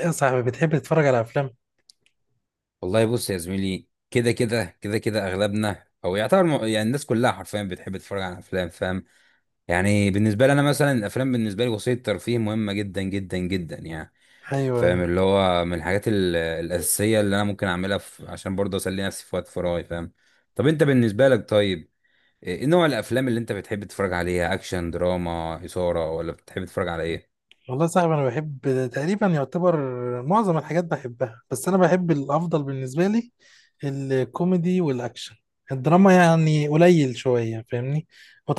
يا صاحبي، بتحب تتفرج على افلام؟ والله بص يا زميلي، كده كده اغلبنا او يعتبر يعني الناس كلها حرفيا بتحب تتفرج على افلام. فاهم؟ يعني بالنسبه لي انا مثلا الافلام بالنسبه لي وسيله ترفيه مهمه جدا جدا جدا يعني. ايوه، فاهم؟ ايوه. اللي هو من الحاجات الاساسيه اللي انا ممكن اعملها في عشان برضه اسلي نفسي في وقت فراغي. فاهم؟ طب انت بالنسبه لك؟ طيب إيه نوع الافلام اللي انت بتحب تتفرج عليها؟ اكشن، دراما، اثاره، ولا بتحب تتفرج على ايه؟ والله يا صاحبي، انا بحب تقريبا يعتبر معظم الحاجات، بحبها. بس انا بحب الافضل بالنسبه لي الكوميدي والاكشن. الدراما يعني قليل شويه، فاهمني.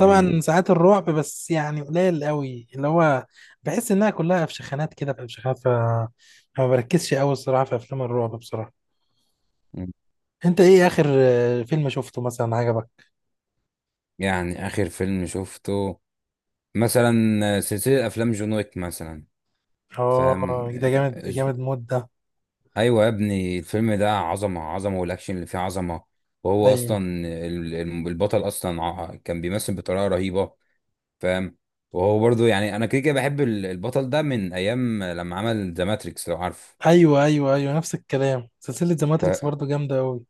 مم. ساعات الرعب، بس يعني قليل قوي، اللي هو بحس انها كلها فشخانات كده فشخانات، ما بركزش قوي الصراحه في افلام الرعب بصراحه. انت ايه اخر فيلم شفته مثلا عجبك؟ يعني اخر فيلم شفته مثلا سلسله افلام جون ويك مثلا. فاهم؟ اه، ده جامد ج- جامد مده. ايوه يا ابني، الفيلم ده عظمه عظمه، والاكشن اللي فيه عظمه. وهو ايوه، اصلا البطل اصلا كان بيمثل بطريقه رهيبه. فاهم؟ وهو برضو يعني انا كده كده بحب البطل ده من ايام لما عمل ذا ماتريكس، لو عارف. ايوه، ايوه، ايوه، نفس الكلام. سلسله ذا ماتريكس ف... برضو جامده قوي.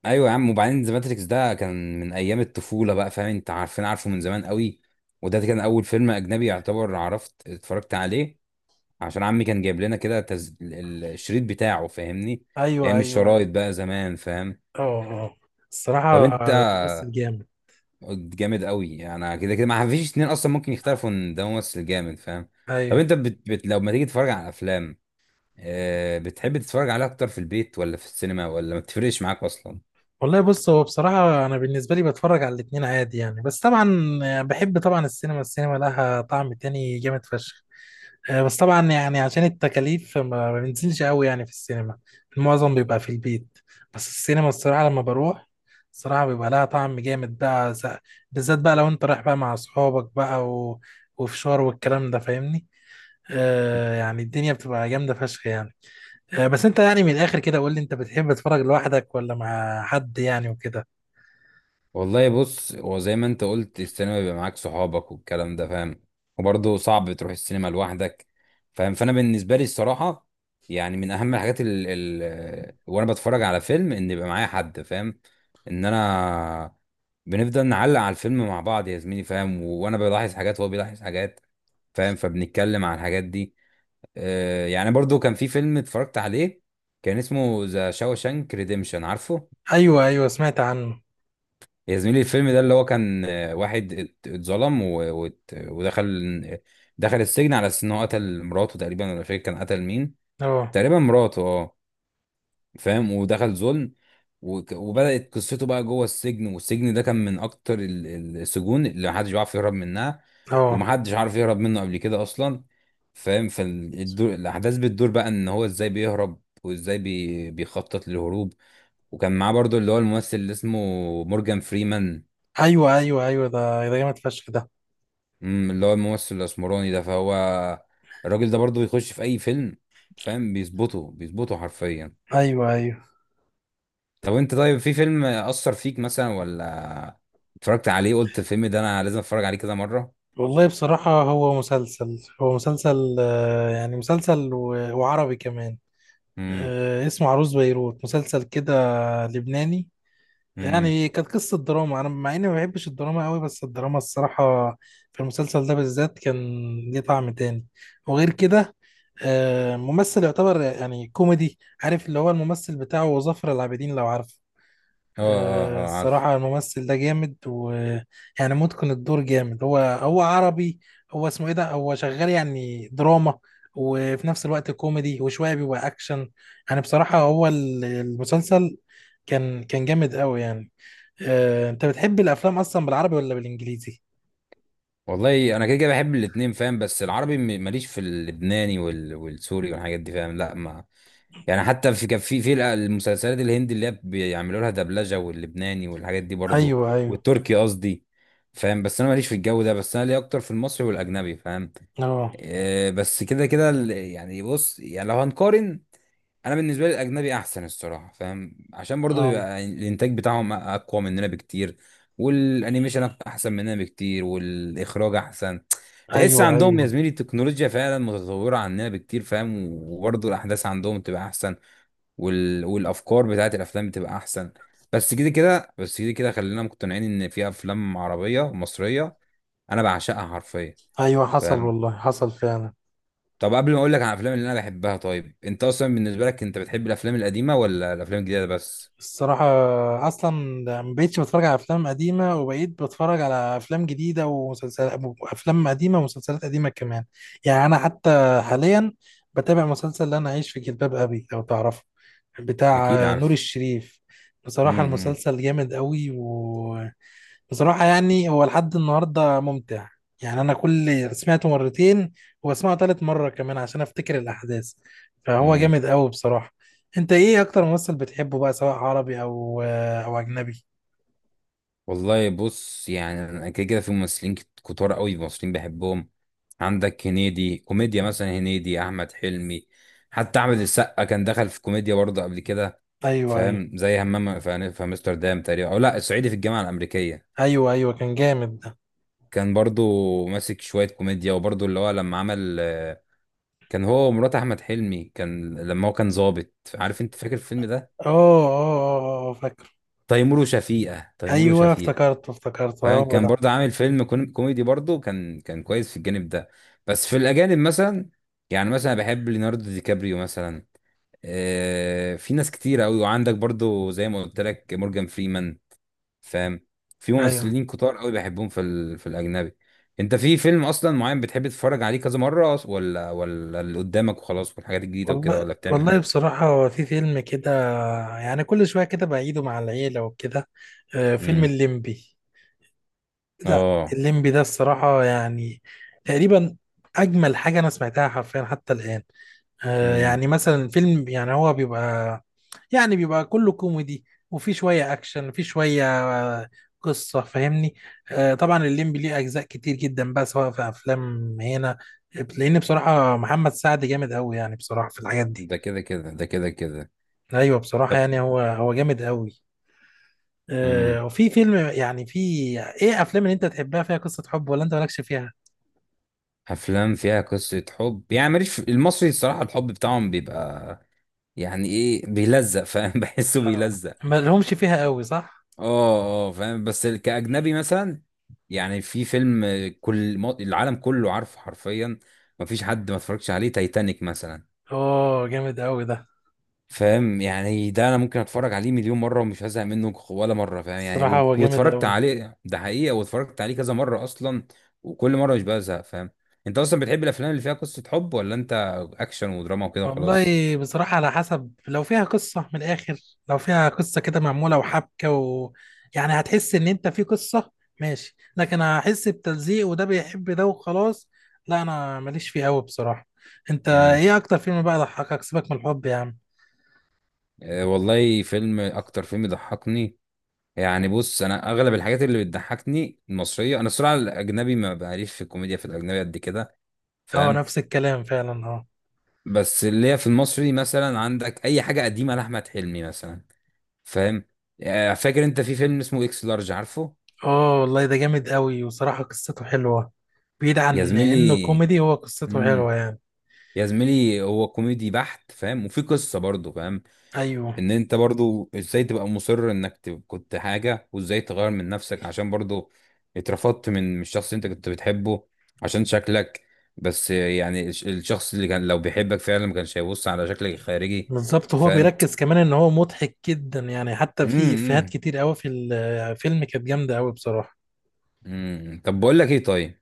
ايوه يا عم، وبعدين ذا ماتريكس ده كان من ايام الطفوله بقى. فاهم؟ انت عارفه من زمان قوي. وده كان اول فيلم اجنبي يعتبر عرفت اتفرجت عليه. عشان عمي كان جايب لنا كده الشريط بتاعه. فاهمني؟ ايوه، ايام ايوه، ايوه. الشرايط بقى زمان. فاهم؟ اه، اه. طب الصراحه انت. ممثل جامد. جامد قوي. انا كده كده ما فيش اتنين اصلا ممكن يختلفوا ان ده ممثل جامد. فاهم؟ طب ايوه. انت لو ما تيجي تتفرج على افلام، بتحب تتفرج عليها اكتر في البيت ولا في السينما، ولا ما بتفرقش معاك اصلا؟ والله بص، هو بصراحه انا بالنسبه لي بتفرج على الاتنين عادي يعني، بس طبعا بحب طبعا السينما. السينما لها طعم تاني جامد فشخ. بس طبعا يعني عشان التكاليف ما ما بنزلش قوي يعني في السينما. المعظم بيبقى في البيت. بس السينما الصراحة لما بروح الصراحة بيبقى لها طعم جامد بقى، بالذات بقى لو انت رايح بقى مع اصحابك بقى و... وفشار والكلام ده فاهمني. يعني الدنيا بتبقى جامدة فشخ يعني. بس انت يعني من الاخر كده قول لي، انت بتحب تتفرج لوحدك ولا مع حد يعني وكده؟ والله بص، هو زي ما انت قلت، السينما بيبقى معاك صحابك والكلام ده. فاهم؟ وبرضه صعب تروح السينما لوحدك. فاهم؟ فانا بالنسبه لي الصراحه، يعني من اهم الحاجات ال ال وانا بتفرج على فيلم ان يبقى معايا حد. فاهم؟ ان انا بنفضل نعلق على الفيلم مع بعض يا زميلي. فاهم؟ وانا بلاحظ حاجات وهو بيلاحظ حاجات. فاهم؟ فبنتكلم عن الحاجات دي. آه، يعني برضه كان في فيلم اتفرجت عليه، كان اسمه ذا شاوشانك ريديمشن، عارفه؟ ايوه، ايوه، سمعت عنه. يا زميلي الفيلم ده اللي هو كان، واحد اتظلم دخل السجن على اساس ان هو قتل مراته تقريبا، ولا مش فاكر كان قتل مين. اه، تقريبا مراته اه. فاهم؟ ودخل ظلم. وبدأت قصته بقى جوه السجن، والسجن ده كان من اكتر السجون اللي محدش بيعرف يهرب منها. اه. ومحدش عارف يهرب منه قبل كده اصلا. فاهم؟ فالاحداث بتدور بقى ان هو ازاي بيهرب، وازاي بيخطط للهروب. وكان معاه برضو اللي هو الممثل اللي اسمه مورجان فريمان. ايوه، ايوه، ايوه، ده جامد فشخ ده. اللي هو الممثل الاسمراني ده، فهو الراجل ده برضه بيخش في اي فيلم. فاهم؟ بيظبطه بيظبطه حرفيا. ايوه، ايوه. طب انت طيب، في فيلم اثر فيك مثلا، ولا اتفرجت عليه قلت الفيلم ده انا لازم اتفرج عليه كذا مره؟ والله بصراحة هو مسلسل، يعني مسلسل و- وعربي كمان. امم. اسمه عروس بيروت، مسلسل كده لبناني. امم. يعني كانت قصة دراما. أنا مع إني ما بحبش الدراما قوي، بس الدراما الصراحة في المسلسل ده بالذات كان ليه طعم تاني. وغير كده، ممثل يعتبر يعني كوميدي، عارف اللي هو الممثل بتاعه ظافر العابدين لو عارف. اه اه اه، عارف. الصراحة الممثل ده جامد، ويعني متقن الدور جامد. هو هو عربي. هو اسمه ايه ده، هو شغال يعني دراما وفي نفس الوقت كوميدي، وشوية بيبقى أكشن. يعني بصراحة هو المسلسل كان جامد قوي يعني. أنت بتحب الأفلام أصلا بالعربي ولا بالإنجليزي؟ والله انا كده كده بحب الاتنين. فاهم؟ بس العربي ماليش في اللبناني والسوري والحاجات دي. فاهم؟ لا ما. يعني حتى في كان في المسلسلات الهندي اللي هي بيعملوا لها دبلجه، واللبناني والحاجات دي برضو. أيوه، أيوه. والتركي قصدي. فاهم؟ بس انا ماليش في الجو ده، بس انا ليا اكتر في المصري والاجنبي. فاهم؟ أه، آه، بس كده كده يعني بص، يعني لو هنقارن، انا بالنسبه لي الاجنبي احسن الصراحه. فاهم؟ عشان برضو أه. بيبقى الانتاج بتاعهم اقوى مننا بكتير. والانيميشن احسن مننا بكتير، والاخراج احسن. تحس أيوه، عندهم يا أيوه، زميلي التكنولوجيا فعلا متطوره عننا بكتير. فاهم؟ وبرضو الاحداث عندهم تبقى احسن. والافكار بتاعت الافلام بتبقى احسن. بس كده كده، خلينا مقتنعين ان في افلام عربيه مصريه انا بعشقها حرفيا. أيوه، حصل فاهم؟ والله، حصل فعلا. طب قبل ما اقول لك عن الافلام اللي انا بحبها، طيب انت اصلا بالنسبه لك، انت بتحب الافلام القديمه ولا الافلام الجديده بس؟ الصراحة أصلا ما بقتش بتفرج على أفلام قديمة، وبقيت بتفرج على أفلام جديدة ومسلسلات. أفلام قديمة ومسلسلات قديمة كمان. يعني أنا حتى حاليا بتابع مسلسل، اللي أنا عايش في جلباب أبي، لو تعرفه، بتاع اكيد نور عارف. الشريف. بصراحة امم. إمم. المسلسل جامد قوي. بصراحة يعني هو لحد النهاردة ممتع. يعني أنا كل سمعته مرتين، وبسمعه تالت مرة كمان عشان أفتكر الأحداث. فهو إمم. جامد أوي بصراحة. أنت إيه أكتر ممثل بتحبه بقى، سواء عربي أو أجنبي؟ والله بص، يعني انا كده كده في ممثلين كتار قوي، ممثلين بحبهم. عندك هنيدي كوميديا مثلا، هنيدي، احمد حلمي. حتى احمد السقا كان دخل في كوميديا برضه قبل كده. أيوه، أيوه، فاهم؟ زي همام في امستردام تقريبا، او لا، الصعيدي في الجامعه الامريكيه. أيوه. أيوه، كان جامد ده. كان برضه ماسك شويه كوميديا. وبرضه اللي هو لما عمل، كان هو ومرات احمد حلمي، كان لما هو كان ظابط، عارف انت فاكر الفيلم ده؟ أه، أه. أه، أه، فاكر. تيمور وشفيقه، تيمور أيوه، وشفيقه. افتكرته افتكرته، فاهم؟ هو كان ده. برضه عامل فيلم كوميدي برضه، كان كويس في الجانب ده. بس في الأجانب مثلا، يعني مثلا بحب ليوناردو دي كابريو مثلا. آه، في ناس كتير أوي، وعندك برضه زي ما قلت لك مورجان فريمان. فاهم؟ في أيوه. ممثلين كتار أوي بحبهم في في الأجنبي. أنت في فيلم أصلا معين بتحب تتفرج عليه كذا مرة، ولا اللي قدامك وخلاص والحاجات الجديدة وكده، والله، ولا بتعمل والله إيه؟ بصراحة هو في فيلم كده، يعني كل شوية كده بعيده مع العيلة وكده، فيلم امم. الليمبي ده. اه. الليمبي ده الصراحة يعني تقريبا أجمل حاجة أنا سمعتها حرفيا حتى الآن. امم. يعني مثلا فيلم، يعني هو بيبقى، يعني بيبقى كله كوميدي، وفي شوية أكشن، وفي شوية آه قصة، فاهمني. طبعا الليمبي ليه أجزاء كتير جدا بقى سواء في أفلام هنا، لأن بصراحة محمد سعد جامد أوي، يعني بصراحة في الحاجات دي. ده كده كده. أيوه، بصراحة طب. يعني هو هو جامد أوي. مم. وفي فيلم يعني، في إيه أفلام اللي أنت تحبها فيها قصة حب، ولا أنت مالكش فيها؟ افلام فيها قصه حب؟ يعني ماليش في المصري الصراحه، الحب بتاعهم بيبقى يعني ايه بيلزق. فاهم؟ بحسه اه، بيلزق. ما لهمش فيها قوي، صح. اه اه، فاهم. بس كاجنبي مثلا، يعني في فيلم كل العالم كله عارفه حرفيا، مفيش حد ما اتفرجش عليه: تايتانيك مثلا. اوه، جامد قوي ده. فاهم؟ يعني ده انا ممكن اتفرج عليه مليون مره ومش هزهق منه ولا مره. فاهم؟ يعني الصراحة هو جامد واتفرجت قوي. عليه ده حقيقه، واتفرجت عليه كذا مره اصلا. وكل مره مش بزهق. فاهم؟ انت اصلا بتحب الافلام اللي فيها قصه حب، ولا انت اكشن ودراما وكده وخلاص؟ والله بصراحة على حسب، لو فيها قصة من الآخر، لو فيها قصة كده معمولة وحبكة يعني هتحس إن أنت في قصة، ماشي. لكن هحس بتلزيق، وده بيحب ده وخلاص. لا، أنا ماليش فيه قوي بصراحة. أنت امم. إيه أكتر فيلم بقى ضحكك، سيبك من الحب يا عم. أه والله فيلم، اكتر فيلم ضحكني، يعني بص انا اغلب الحاجات اللي بتضحكني المصريه. انا الصراحه الاجنبي ما بعرفش في الكوميديا في الاجنبي قد كده. أه، فاهم؟ نفس الكلام فعلا، أه. بس اللي هي في المصري مثلا عندك اي حاجه قديمه لاحمد حلمي مثلا. فاهم؟ آه، فاكر انت في فيلم اسمه اكس لارج، عارفه؟ أه والله، ده جامد قوي، وصراحة قصته حلوة. بعيد يا عن إنه زميلي، كوميدي، هو قصته امم حلوة يعني. يا زميلي هو كوميدي بحت. فاهم؟ وفي قصه برضه. فاهم؟ ايوه، ان انت برضه ازاي تبقى مصر انك كنت حاجه، وازاي تغير من نفسك، عشان برضه اترفضت من الشخص اللي انت كنت بتحبه عشان شكلك. بس يعني الشخص اللي كان لو بيحبك فعلا ما كانش هيبص على شكلك الخارجي. بالظبط. هو فاهم؟ بيركز كمان ان هو مضحك جدا يعني، حتى في افيهات امم. كتير قوي في الفيلم كانت جامده قوي بصراحه. امم. طب بقول لك ايه، طيب،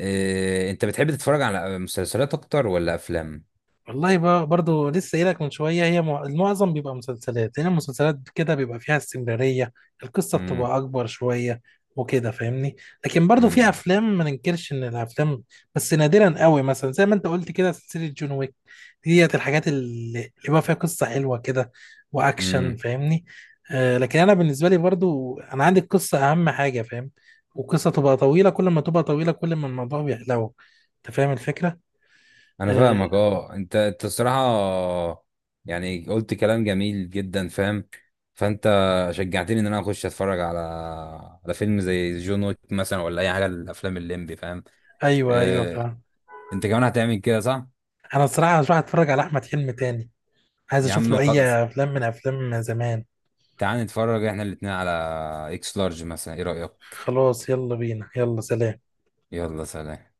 انت بتحب تتفرج على مسلسلات اكتر ولا افلام؟ والله بقى برضو لسه قايلك من شويه، هي المعظم بيبقى مسلسلات، لان المسلسلات كده بيبقى فيها استمراريه. القصه امم. بتبقى اكبر شويه وكده، فاهمني. لكن برضو في امم. افلام، ما ننكرش ان الافلام، بس نادرا قوي، مثلا زي ما انت قلت كده سلسله جون ويك. ديت الحاجات اللي بقى فيها قصة حلوة كده وأكشن، امم. فاهمني. لكن أنا بالنسبة لي برضو أنا عندي القصة أهم حاجة، فاهم. والقصة تبقى طويلة، كل ما تبقى طويلة كل ما الموضوع بيحلو. أنت فاهم الفكرة؟ انا آه. فاهمك. اه، انت الصراحه يعني قلت كلام جميل جدا. فاهم؟ فانت شجعتني ان انا اخش اتفرج على فيلم زي جون ويك مثلا، ولا اي حاجه، الافلام الليمبي. فاهم؟ أيوه، أيوه، اه. فاهم. انت كمان هتعمل كده، صح؟ أنا الصراحة هروح أتفرج على أحمد حلمي تاني. عايز يا أشوف عم له خلاص، أي أفلام من أفلام زمان. تعال نتفرج احنا الاتنين على اكس لارج مثلا، ايه رايك؟ خلاص، يلا بينا، يلا سلام. يلا سلام.